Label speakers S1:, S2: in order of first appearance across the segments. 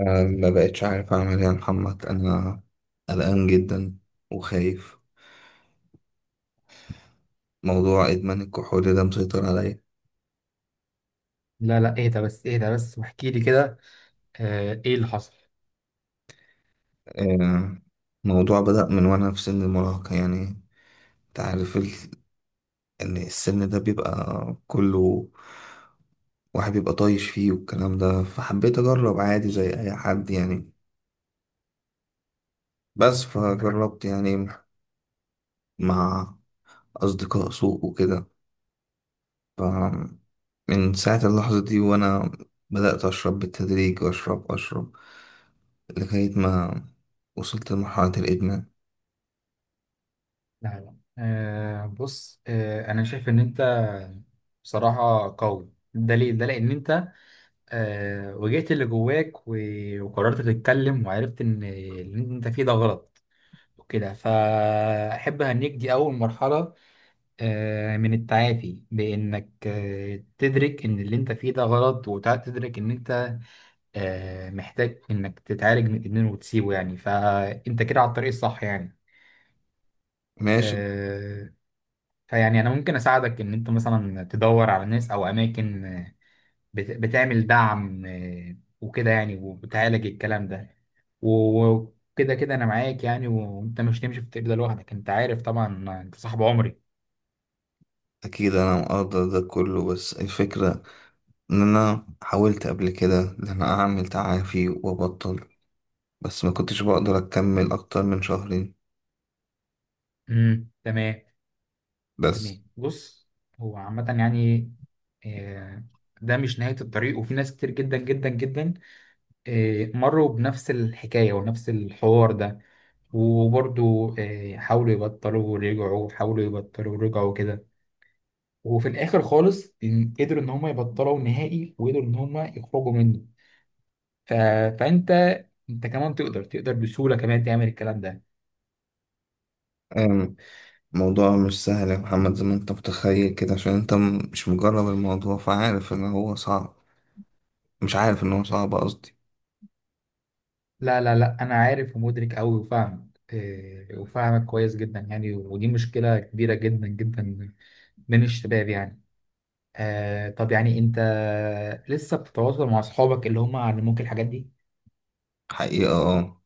S1: أنا ما بقتش عارف أعمل إيه يا محمد. أنا قلقان جدا وخايف. موضوع إدمان الكحول ده مسيطر عليا.
S2: لا لا، اهدى بس اهدى بس واحكي لي كده. ايه اللي حصل؟
S1: آه، الموضوع بدأ من وأنا في سن المراهقة يعني. أنت عارف إن السن ده بيبقى كله واحد بيبقى طايش فيه والكلام ده، فحبيت أجرب عادي زي أي حد يعني. بس فجربت يعني مع أصدقاء سوء وكده. ف- من ساعة اللحظة دي وأنا بدأت أشرب بالتدريج، وأشرب لغاية ما وصلت لمرحلة الإدمان.
S2: لا لا. بص، انا شايف ان انت بصراحة قوي. ده ليه؟ ده لان انت واجهت اللي جواك وقررت تتكلم، وعرفت ان اللي انت فيه ده غلط وكده، فاحب اهنيك. دي اول مرحلة من التعافي، بانك تدرك ان اللي انت فيه ده غلط، وتدرك ان انت محتاج انك تتعالج من الادمان وتسيبه يعني، فانت كده على الطريق الصح يعني.
S1: ماشي.
S2: آه، فيعني انا ممكن اساعدك ان انت مثلا تدور على ناس او اماكن بتعمل دعم وكده يعني، وبتعالج الكلام ده. وكده كده انا معاك يعني، وانت مش هتمشي في الطريق ده لوحدك، انت عارف طبعا، انت صاحب عمري.
S1: أكيد أنا مقدر ده كله، بس الفكرة إن أنا حاولت قبل كده إن أنا أعمل تعافي وأبطل، بس ما كنتش بقدر أكمل أكتر من شهرين.
S2: تمام.
S1: بس
S2: تمام، بص، هو عامة يعني آه، ده مش نهاية الطريق، وفي ناس كتير جدا جدا جدا مروا بنفس الحكاية ونفس الحوار ده، وبرضو حاولوا يبطلوا ورجعوا، حاولوا يبطلوا ورجعوا كده، وفي الآخر خالص قدروا إن هم يبطلوا نهائي، وقدروا إن هم يخرجوا منه. ف... فأنت كمان تقدر بسهولة كمان تعمل الكلام ده.
S1: أم، الموضوع مش سهل يا محمد زي ما أنت متخيل كده، عشان أنت مش مجرب الموضوع فعارف إن هو صعب. مش عارف إن هو صعب قصدي.
S2: لا لا لا، أنا عارف ومدرك أوي وفاهمك. وفاهمك كويس جدا يعني، ودي مشكلة كبيرة جدا جدا من الشباب يعني. طب يعني انت لسه بتتواصل مع اصحابك اللي هم علموك الحاجات دي؟
S1: حقيقة اه.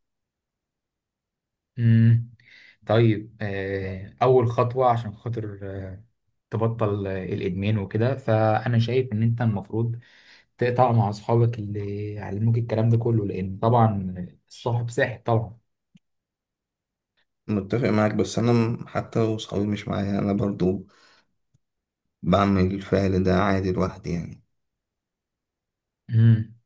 S2: امم طيب، اول خطوة عشان خاطر تبطل الادمان وكده، فانا شايف ان انت المفروض تقطع مع اصحابك اللي علموك الكلام ده كله، لان طبعا الصاحب ساحب طبعا.
S1: متفق معاك، بس انا حتى لو صحابي مش معايا انا برضو بعمل الفعل ده عادي لوحدي يعني.
S2: امم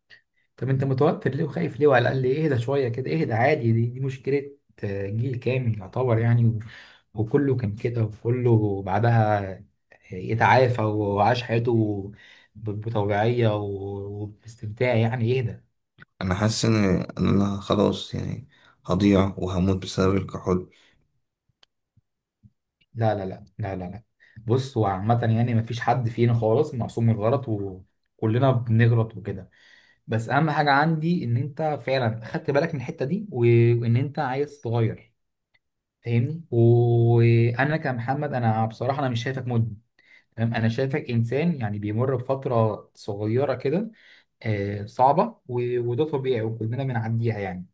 S2: طب انت متوتر ليه وخايف ليه؟ وعلى الاقل اهدى شويه كده، اهدى عادي، دي مشكله جيل كامل يعتبر يعني، وكله كان كده، وكله بعدها يتعافى وعاش حياته بطوعيه وباستمتاع يعني. اهدى.
S1: انا حاسس إن انا خلاص يعني هضيع وهموت بسبب الكحول.
S2: لا لا لا لا لا لا، بص هو عامه يعني مفيش حد فينا خالص معصوم من الغلط، وكلنا بنغلط وكده. بس اهم حاجه عندي ان انت فعلا خدت بالك من الحته دي، وان انت عايز تغير، فاهمني. وانا كمحمد، انا بصراحه انا مش شايفك مدمن، فاهم؟ انا شايفك انسان يعني بيمر بفتره صغيره كده صعبه، وده طبيعي، وكلنا بنعديها يعني.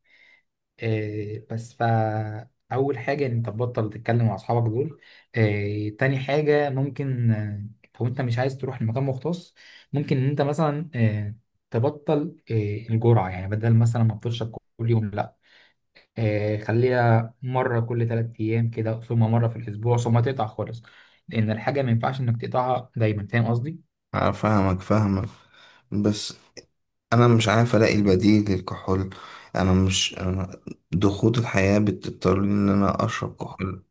S2: بس اول حاجه ان انت تبطل تتكلم مع اصحابك دول. تاني حاجه ممكن لو انت مش عايز تروح لمكان مختص، ممكن ان انت مثلا تبطل الجرعه، يعني بدل مثلا ما تشرب كل يوم لا، خليها مرة كل 3 أيام كده، ثم مرة في الأسبوع، ثم تقطع خالص. لأن الحاجة ما ينفعش إنك تقطعها دايما، فاهم قصدي؟
S1: أنا فاهمك فاهمك، بس انا مش عارف الاقي البديل للكحول. انا مش أنا ضغوط الحياة بتضطرني ان انا اشرب كحول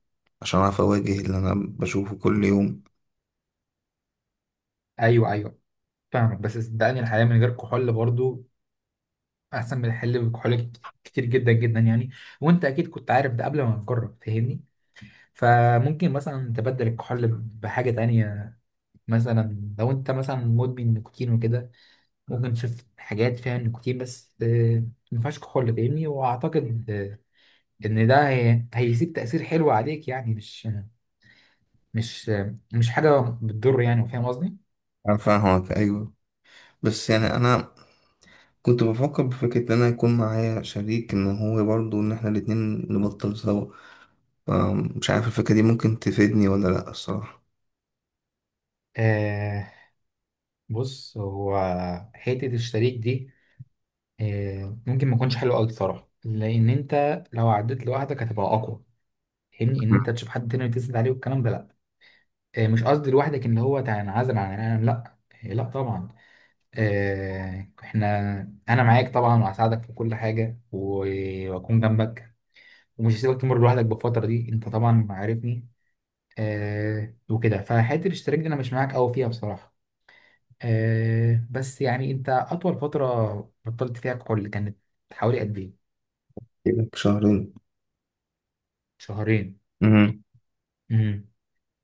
S1: عشان اعرف اواجه اللي انا بشوفه كل يوم.
S2: أيوه أيوه، فاهمك، بس صدقني الحياة من غير كحول برضو أحسن من الحل بكحول كتير جدا جدا يعني. وأنت أكيد كنت عارف ده قبل ما نجرب، فاهمني؟ فممكن مثلا تبدل الكحول بحاجة تانية، مثلا لو أنت مثلا مدمن نيكوتين وكده، ممكن تشوف حاجات فيها نيكوتين، بس ما ينفعش كحول، فاهمني؟ وأعتقد ان ده هيسيب تأثير حلو عليك يعني، مش مش حاجة بتضر يعني، فاهم قصدي؟
S1: انا فاهمك ايوه، بس يعني انا كنت بفكر بفكرة إن أنا يكون معايا شريك، إن هو برضه إن إحنا الاتنين نبطل سوا. فمش عارف الفكرة دي ممكن تفيدني ولا لأ الصراحة.
S2: آه بص، هو حتة الشريك دي ممكن ما يكونش حلو قوي بصراحة، لأن أنت لو عديت لوحدك هتبقى أقوى، فاهمني. إن أنت تشوف حد تاني تسند عليه والكلام ده، لأ. مش قصدي لوحدك إن هو تنعزل عن العالم، لأ. لأ طبعا. إحنا، أنا معاك طبعا، وهساعدك في كل حاجة، وأكون جنبك، ومش هسيبك تمر لوحدك بالفترة دي، أنت طبعا عارفني. وكده، فحته الاشتراك دي انا مش معاك قوي فيها بصراحه. بس يعني انت اطول فتره بطلت فيها كحول كانت حوالي قد ايه؟
S1: بقالك شهرين.
S2: شهرين.
S1: امم.
S2: امم.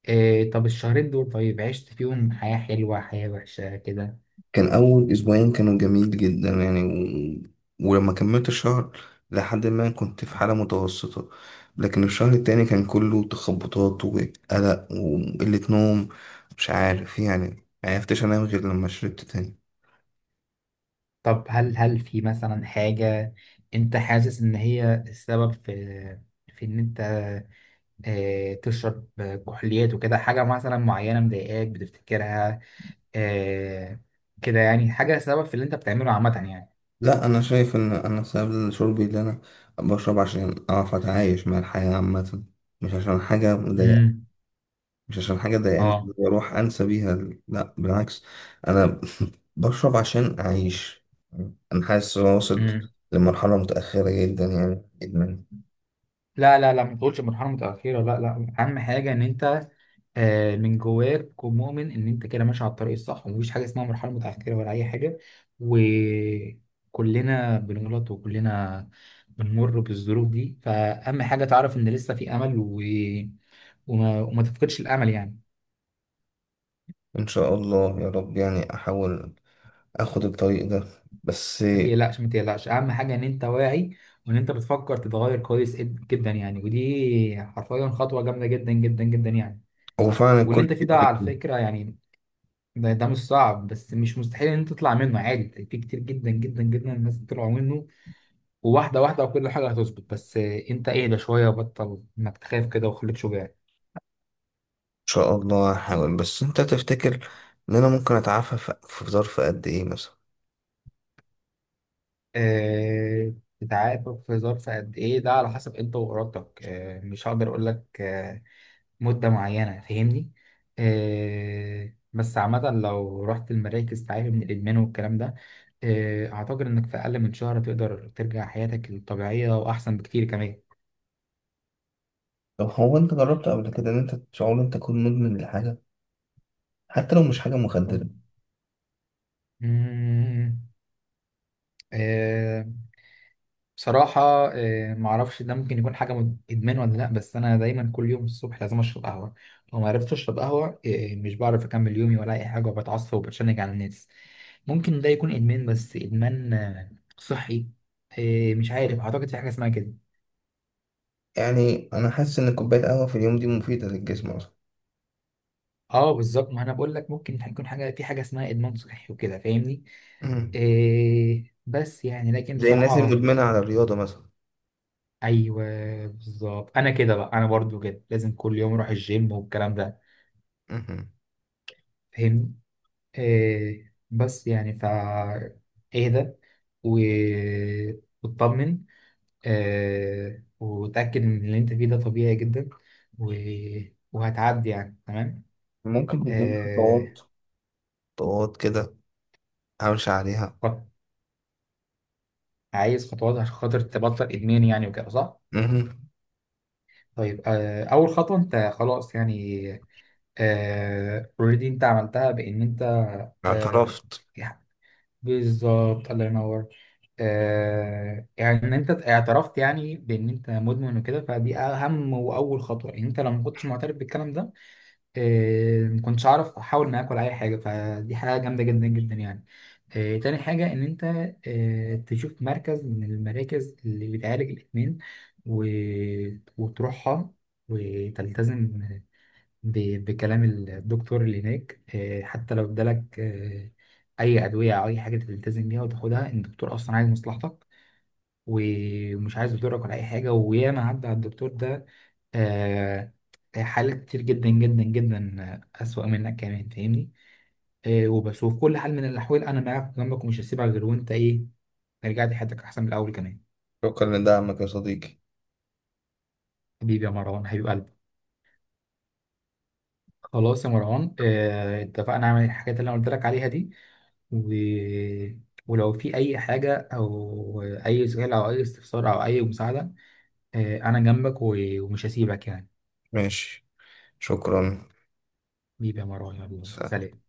S2: طب الشهرين دول طيب عشت فيهم حياه حلوه، حياه وحشه كده؟
S1: كان أول أسبوعين كانوا جميل جدا يعني، ولما كملت الشهر لحد ما كنت في حالة متوسطة. لكن الشهر التاني كان كله تخبطات وقلق وقلة نوم. مش عارف يعني، معرفتش أنام غير لما شربت تاني.
S2: طب هل في مثلا حاجه انت حاسس ان هي السبب في ان انت تشرب كحوليات وكده؟ حاجه مثلا معينه مضايقاك بتفتكرها آه كده يعني، حاجه سبب في اللي انت بتعمله عامه يعني.
S1: لا، انا شايف ان انا سبب شربي، اللي انا بشرب عشان اعرف اتعايش مع الحياة عامة. مش عشان حاجة مضايق،
S2: امم.
S1: مش عشان حاجة ضايقاني
S2: اه.
S1: واروح انسى بيها. لا بالعكس، انا بشرب عشان اعيش. انا حاسس ان انا وصلت
S2: امم.
S1: لمرحلة متأخرة جدا يعني ادمان.
S2: لا لا لا، ما تقولش مرحله متاخره. لا لا، اهم حاجه ان انت من جواك تكون مؤمن ان انت كده ماشي على الطريق الصح، ومفيش حاجه اسمها مرحله متاخره ولا اي حاجه، وكلنا بنغلط، وكلنا بنمر بالظروف دي، فاهم؟ حاجه تعرف ان لسه في امل، وما تفقدش الامل يعني.
S1: ان شاء الله يا رب يعني احاول اخد الطريق ده. بس
S2: ما تقلقش ما تقلقش، اهم حاجه ان انت واعي، وان انت بتفكر تتغير، كويس جدا يعني، ودي حرفيا خطوه جامده جدا جدا جدا يعني.
S1: هو فعلا
S2: واللي
S1: الكل
S2: انت فيه ده
S1: بيقول لك
S2: على
S1: ان
S2: فكرة يعني، ده مش صعب، بس مش مستحيل ان انت تطلع منه عادي، في كتير جدا جدا جدا الناس طلعوا منه. وواحدة واحدة، وكل حاجة هتظبط، بس انت اهدى شوية، وبطل انك تخاف كده، وخليك شجاع.
S1: شاء الله. هحاول، بس انت تفتكر ان انا ممكن اتعافى في ظرف قد ايه مثلا؟
S2: آه، تتعافى في ظرف قد ايه؟ ده على حسب انت وارادتك، مش هقدر اقول لك مدة معينة، فاهمني. بس عامة لو رحت المراكز تعافي من الإدمان والكلام ده، أعتقد إنك في أقل من شهر تقدر ترجع حياتك الطبيعية، وأحسن بكتير كمان.
S1: طب هو انت جربت قبل كده ان انت شعور انت تكون مدمن لحاجة حتى لو مش حاجة مخدرة؟
S2: مم، آه بصراحة، معرفش ده ممكن يكون حاجة إدمان ولا لأ، بس أنا دايما كل يوم الصبح لازم أشرب قهوة. لو معرفتش أشرب قهوة مش بعرف أكمل يومي ولا أي حاجة، وبتعصب وبتشنج على الناس. ممكن ده يكون ادمان، بس ادمان صحي. مش عارف، اعتقد في حاجه اسمها كده.
S1: يعني انا حاسس ان كوباية قهوة في اليوم دي مفيدة للجسم اصلا.
S2: اه، بالظبط، ما انا بقول لك ممكن يكون حاجه، في حاجه اسمها ادمان صحي وكده، فاهمني.
S1: مهم.
S2: بس يعني لكن
S1: زي الناس اللي
S2: بصراحه.
S1: مدمنة على الرياضة مثلا.
S2: ايوه، بالظبط، انا كده بقى، انا برضو كده لازم كل يوم اروح الجيم والكلام ده،
S1: مهم.
S2: فاهمني. بس يعني اهدى و- واطمن، وتأكد إن اللي أنت فيه ده طبيعي جدا، و... وهتعدي يعني. تمام.
S1: ممكن تديني
S2: آه
S1: خطوات؟ خطوات كده امشي عليها.
S2: خط- عايز خطوات عشان خاطر تبطل إدمان يعني وكده، صح؟
S1: مهم.
S2: طيب، أول خطوة أنت خلاص يعني أوريدي أنت عملتها، بإن أنت آه
S1: اعترفت.
S2: يعني، بالظبط، الله ينور. يعني إن أنت اعترفت يعني بإن أنت مدمن وكده، فدي أهم وأول خطوة، إن أنت لو ما كنتش معترف بالكلام ده إيه، ما كنتش اعرف احاول معاك ولا اي حاجه، فدي حاجه جامده جدا جدا يعني. إيه، تاني حاجه ان انت إيه، تشوف مركز من المراكز اللي بتعالج الادمان، و... وتروحها، وتلتزم بكلام الدكتور اللي هناك. إيه، حتى لو ادالك إيه، اي ادويه او اي حاجه، تلتزم بيها وتاخدها، إن الدكتور اصلا عايز مصلحتك، ومش عايز يضرك ولا اي حاجه. وياما عدى على الدكتور ده آه، حالات كتير جدا جدا جدا أسوأ منك كمان، فاهمني. وبشوف كل حال من الأحوال أنا معاك جنبك، ومش هسيبك غير وأنت إيه رجعت حياتك أحسن من الأول كمان.
S1: شكرا لدعمك يا صديقي.
S2: حبيبي يا مروان، حبيب قلبي. خلاص يا مروان، اتفقنا على الحاجات اللي أنا قلت لك عليها دي، و... ولو في أي حاجة أو أي سؤال أو أي استفسار أو أي مساعدة، أنا جنبك، ومش هسيبك يعني.
S1: ماشي. شكرا.
S2: حبيبي يا مروان، يلا
S1: سلام.
S2: سلام.